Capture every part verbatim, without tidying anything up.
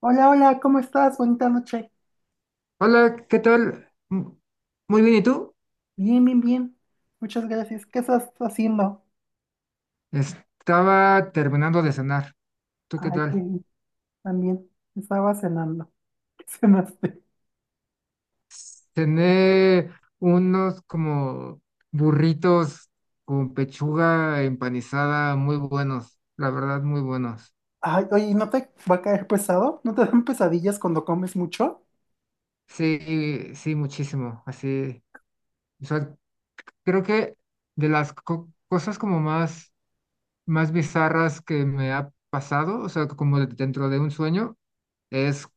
Hola, hola, ¿cómo estás? Bonita noche. Hola, ¿qué tal? Mm, muy bien, ¿y tú? Bien, bien, bien. Muchas gracias. ¿Qué estás haciendo? Estaba terminando de cenar. ¿Tú qué Ay, qué tal? bien. También estaba cenando. ¿Qué cenaste? Cené unos como burritos con pechuga empanizada muy buenos, la verdad, muy buenos. Ay, oye, ¿y ¿no te va a caer pesado? ¿No te dan pesadillas cuando comes mucho? Sí, sí, muchísimo. Así, o sea, creo que de las co- cosas como más, más bizarras que me ha pasado, o sea, como de- dentro de un sueño, es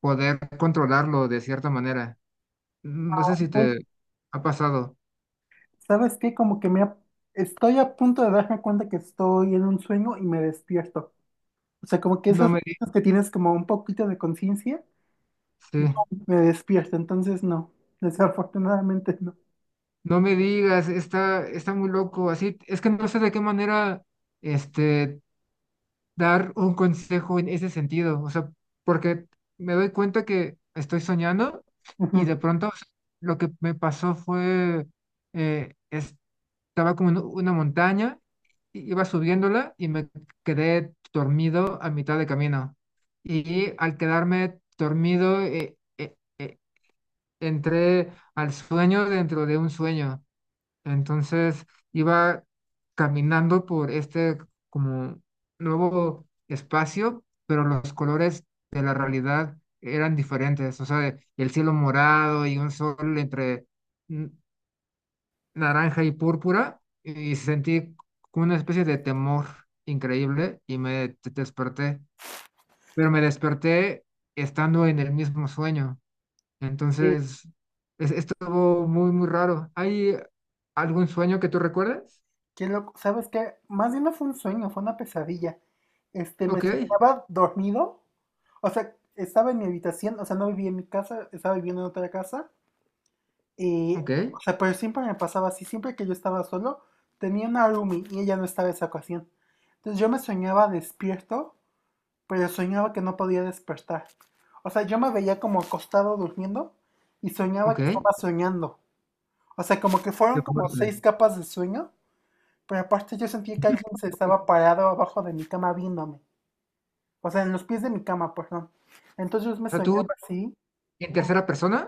poder controlarlo de cierta manera. Mm, No sé si Ay, te ha pasado. ¿sabes qué? Como que me ha- Estoy a punto de darme cuenta que estoy en un sueño y me despierto. O sea, como que No esas me, di- cosas que tienes como un poquito de conciencia y sí. pum, me despierto. Entonces, no, desafortunadamente no. No me digas, está, está muy loco. Así, es que no sé de qué manera este, dar un consejo en ese sentido. O sea, porque me doy cuenta que estoy soñando y de Ujú, pronto o sea, lo que me pasó fue, eh, estaba como en una montaña, i- iba subiéndola y me quedé dormido a mitad de camino. Y al quedarme dormido, eh, eh, eh, entré al sueño dentro de un sueño. Entonces iba caminando por este como nuevo espacio, pero los colores de la realidad eran diferentes. O sea, el cielo morado y un sol entre n- naranja y púrpura, y sentí como una especie de temor increíble y me te- desperté. Pero me desperté estando en el mismo sueño. sí, Entonces, es- estuvo muy, muy raro. ¿Hay algún sueño que tú recuerdes? qué loco. ¿Sabes qué? Más bien no fue un sueño, fue una pesadilla. Este, me Ok, soñaba dormido. O sea, estaba en mi habitación, o sea, no vivía en mi casa, estaba viviendo en otra casa. Y, ok, o sea, pero siempre me pasaba así, siempre que yo estaba solo, tenía una roomie y ella no estaba en esa ocasión. Entonces yo me soñaba despierto, pero soñaba que no podía despertar. O sea, yo me veía como acostado durmiendo y soñaba ok. que estaba soñando. O sea, como que Qué fueron como fuerte. seis capas de sueño. Pero aparte yo sentí que alguien se Ok. estaba parado abajo de mi cama viéndome. O sea, en los pies de mi cama, perdón. Entonces yo O me sea, soñaba tú así, en tercera persona.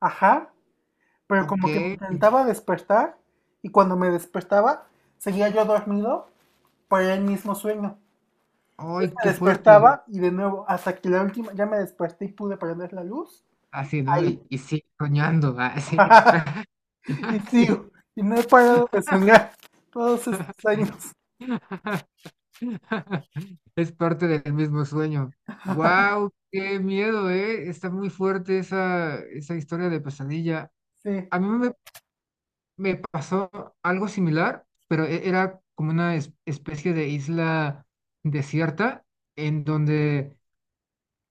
ajá, pero como que me Ok. intentaba despertar, y cuando me despertaba seguía yo dormido por el mismo sueño. Ay, qué Me fuerte. despertaba y de nuevo, hasta que la última, ya me desperté y pude prender la luz. Así, ¿no? Ahí. Y, y sí, soñando. Así. Y Así. sigo. Y no he parado de soñar todos estos años. Es parte del mismo sueño. Wow, qué miedo, ¿eh? Está muy fuerte esa, esa historia de pesadilla. Sí. A mí me Me pasó algo similar, pero e- era como una es- especie de isla desierta en donde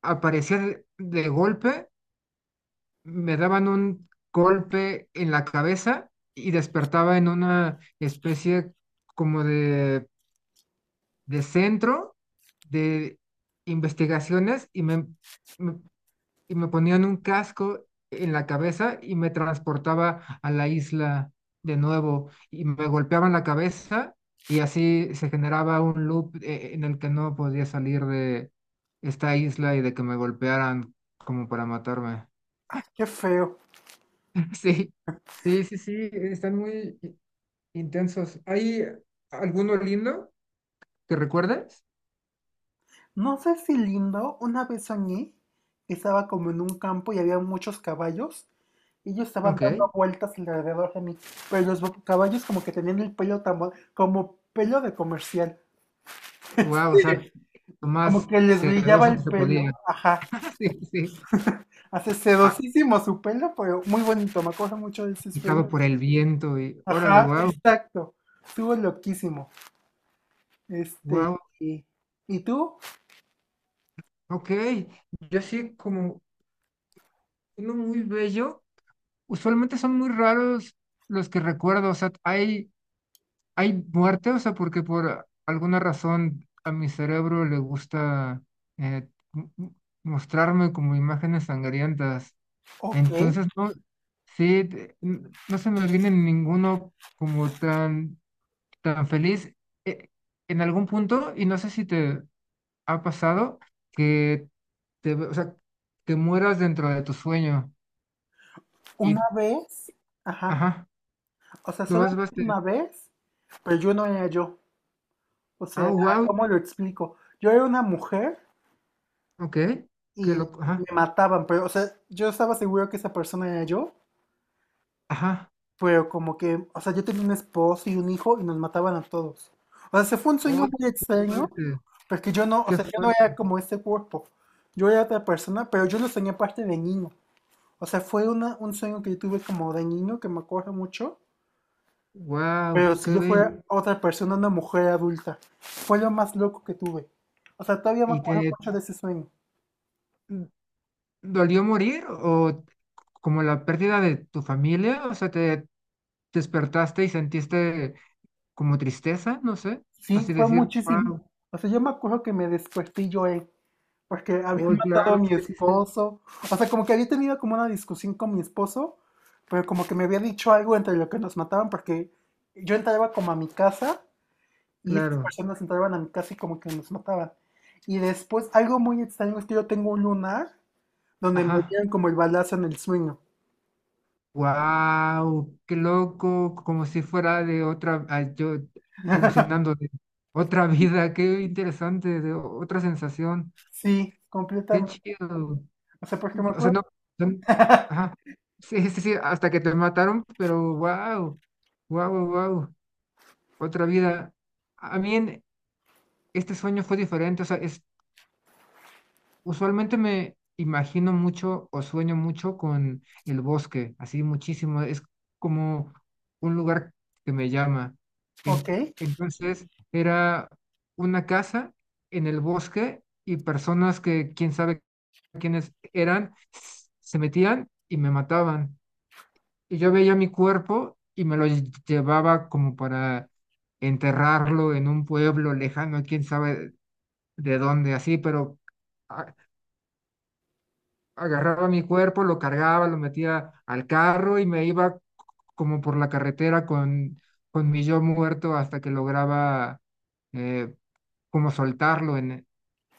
aparecía de, de golpe, me daban un golpe en la cabeza y despertaba en una especie como de, de centro de investigaciones y me, me y me ponían un casco en la cabeza y me transportaba a la isla de nuevo y me golpeaban la cabeza y así se generaba un loop eh, en el que no podía salir de esta isla y de que me golpearan como para matarme. Ay, qué feo. Sí, sí, sí, sí, están muy i- intensos. ¿Hay alguno lindo que recuerdes? No sé si lindo, una vez soñé que estaba como en un campo y había muchos caballos. y Ellos estaban Ok, dando vueltas alrededor de mí, pero los bo- caballos como que tenían el pelo tan, bo- como pelo de comercial. wow, o sea, Este, lo como más que les brillaba sedoso que el se pelo. podía. Ajá. Sí, sí. Hace A- sedosísimo su pelo, pero muy bonito. Me acuerdo mucho de ese sueño. Agitado por el viento y órale, Ajá, wow, exacto. Estuvo loquísimo. Este, wow, y, ¿y tú? ok. Yo sí, como uno muy bello, usualmente son muy raros los que recuerdo, o sea, hay, hay muerte, o sea, porque por alguna razón a mi cerebro le gusta eh, m- m- mostrarme como imágenes sangrientas. Ok. Entonces, no, sí, te- n- no se me viene ninguno como tan, tan feliz. eh, en algún punto, y no sé si te ha pasado que te, o sea, que mueras dentro de tu sueño y, Una vez. Ajá. ajá, O sea, lo vas, solamente vas, te- una vez, pero yo no era yo. O ah, sea, wow, ¿cómo lo explico? Yo era una mujer ok, qué y loco, me ajá, mataban, pero, o sea, yo estaba seguro que esa persona era yo, ajá, pero como que, o sea, yo tenía un esposo y un hijo y nos mataban a todos. O sea, se fue un sueño oh, muy qué extraño, fuerte, porque yo no, o qué sea, yo no era fuerte, como ese cuerpo. Yo era otra persona, pero yo lo soñé parte de niño. O sea, fue una, un sueño que yo tuve como de niño que me acuerdo mucho. wow, Pero si qué yo bello, fuera otra persona, una mujer adulta, fue lo más loco que tuve. O sea, todavía me y acuerdo te mucho de ese sueño. dolió morir o como la pérdida de tu familia, o sea, te despertaste y sentiste como tristeza, no sé, Sí, así fue decir, wow, muchísimo. O sea, yo me acuerdo que me desperté y lloré porque había oh, matado a claro, mi es que sí, sí, esposo. O sea, como que había tenido como una discusión con mi esposo, pero como que me había dicho algo entre lo que nos mataban porque yo entraba como a mi casa y esas claro, personas entraban a mi casa y como que nos mataban. Y después, algo muy extraño es que yo tengo un lunar donde me ajá. dieron como el balazo en el sueño. Wow, qué loco, como si fuera de otra, ah, yo alucinando de otra vida, qué interesante, de o- otra sensación, Sí, qué completamente. chido. O sea, porque me O sea, acuerdo. no, no- ajá, sí, sí, sí, hasta que te mataron, pero wow, wow, wow, otra vida. A mí en- este sueño fue diferente, o sea, usualmente me imagino mucho o sueño mucho con el bosque, así muchísimo. Es como un lugar que me llama. Ok, En- entonces era una casa en el bosque y personas que quién sabe quiénes eran s- se metían y me mataban. Y yo veía mi cuerpo y me lo lle- llevaba como para enterrarlo en un pueblo lejano, quién sabe de dónde, así, pero... ah, agarraba mi cuerpo, lo cargaba, lo metía al carro y me iba como por la carretera con, con mi yo muerto hasta que lograba eh, como soltarlo en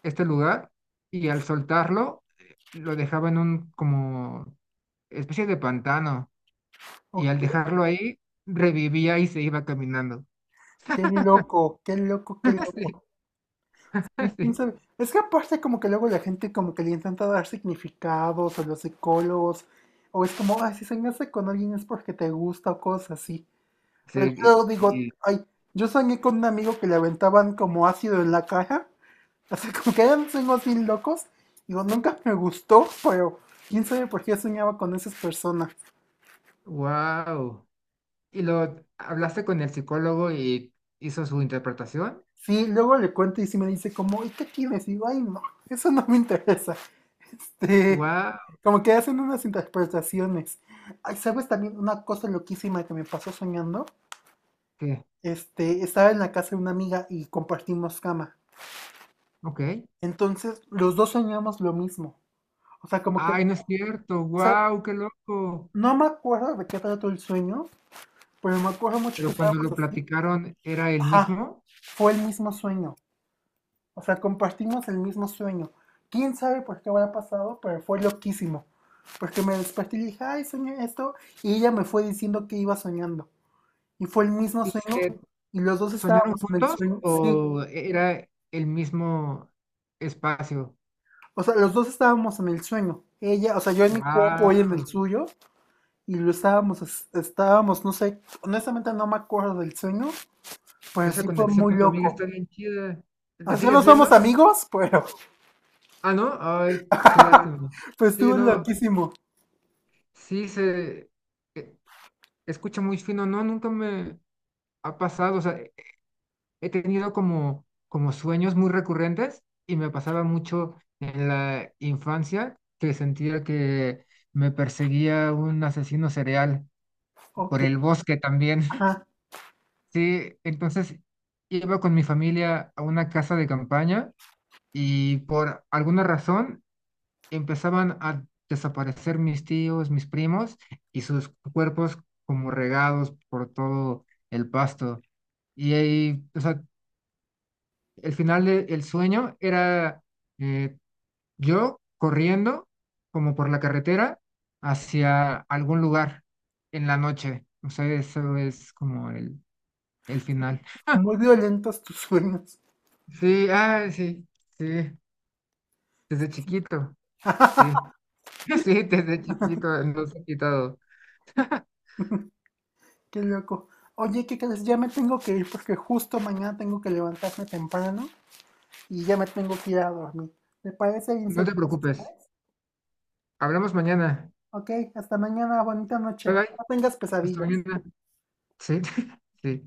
este lugar y al soltarlo eh, lo dejaba en un como especie de pantano y al ok. dejarlo ahí revivía y se iba caminando. Qué loco, qué loco, qué loco. Sí, Sí, quién sí, sabe. Es que aparte como que luego la gente como que le intenta dar significados a los psicólogos. O es como, ay, si soñaste con alguien es porque te gusta o cosas así. Pero yo sí, luego digo, y, ay, yo soñé con un amigo que le aventaban como ácido en la cara. O sea, como que eran sueños así locos. Digo, nunca me gustó, pero quién sabe por qué soñaba con esas personas. wow. ¿Y lo hablaste con el psicólogo y hizo su interpretación? Sí, luego le cuento y sí me dice como, ¿y qué tienes? Y digo, ay, no, eso no me interesa. Este, Wow. como que hacen unas interpretaciones. Ay, ¿sabes también una cosa loquísima que me pasó soñando? ¿Qué? Este, estaba en la casa de una amiga y compartimos cama. Ok. Entonces, los dos soñamos lo mismo. O sea, como que, o Ay, no es cierto. sea, Wow, qué loco. no me acuerdo de qué trató el sueño, pero me acuerdo mucho que Pero cuando estábamos lo así. platicaron, ¿era el Ajá, mismo? fue el mismo sueño. O sea, compartimos el mismo sueño. ¿Quién sabe por qué habrá pasado? Pero fue loquísimo. Porque me desperté y dije, ay, soñé esto. Y ella me fue diciendo que iba soñando. Y fue el mismo ¿Y sueño. se Y los dos soñaron estábamos en el juntos sueño. Sí. o era el mismo espacio? O sea, los dos estábamos en el sueño. Ella, o sea, yo en mi cuerpo, Wow. ella en el suyo. Y lo estábamos, es- estábamos, no sé, honestamente no me acuerdo del sueño. Pero Esa sí fue conexión muy con tu amiga está loco. bien chida. ¿La O sea, sigues no viendo? somos amigos, pero. Ah, no. Ay, qué lástima. Pues Sí, estuvo no. loquísimo. Sí, se eh, escucha muy fino. No, nunca me ha pasado. O sea, he tenido como, como sueños muy recurrentes y me pasaba mucho en la infancia que sentía que me perseguía un asesino serial por Ok. el bosque también. Ajá. Sí, entonces iba con mi familia a una casa de campaña y por alguna razón empezaban a desaparecer mis tíos, mis primos y sus cuerpos como regados por todo el pasto. Y ahí, o sea, el final del sueño era eh, yo corriendo como por la carretera hacia algún lugar en la noche. O sea, eso es como el, el final. Muy violentos tus sueños. Sí, ah, sí, sí, desde chiquito, sí, sí, desde chiquito nos ha quitado. Qué loco. Oye, ¿qué crees? Ya me tengo que ir porque justo mañana tengo que levantarme temprano y ya me tengo que ir a dormir. ¿Te parece bien si No te entonces? preocupes, hablamos mañana. Ok, hasta mañana, bonita Bye noche. bye, No tengas hasta pesadillas. mañana. Sí, sí.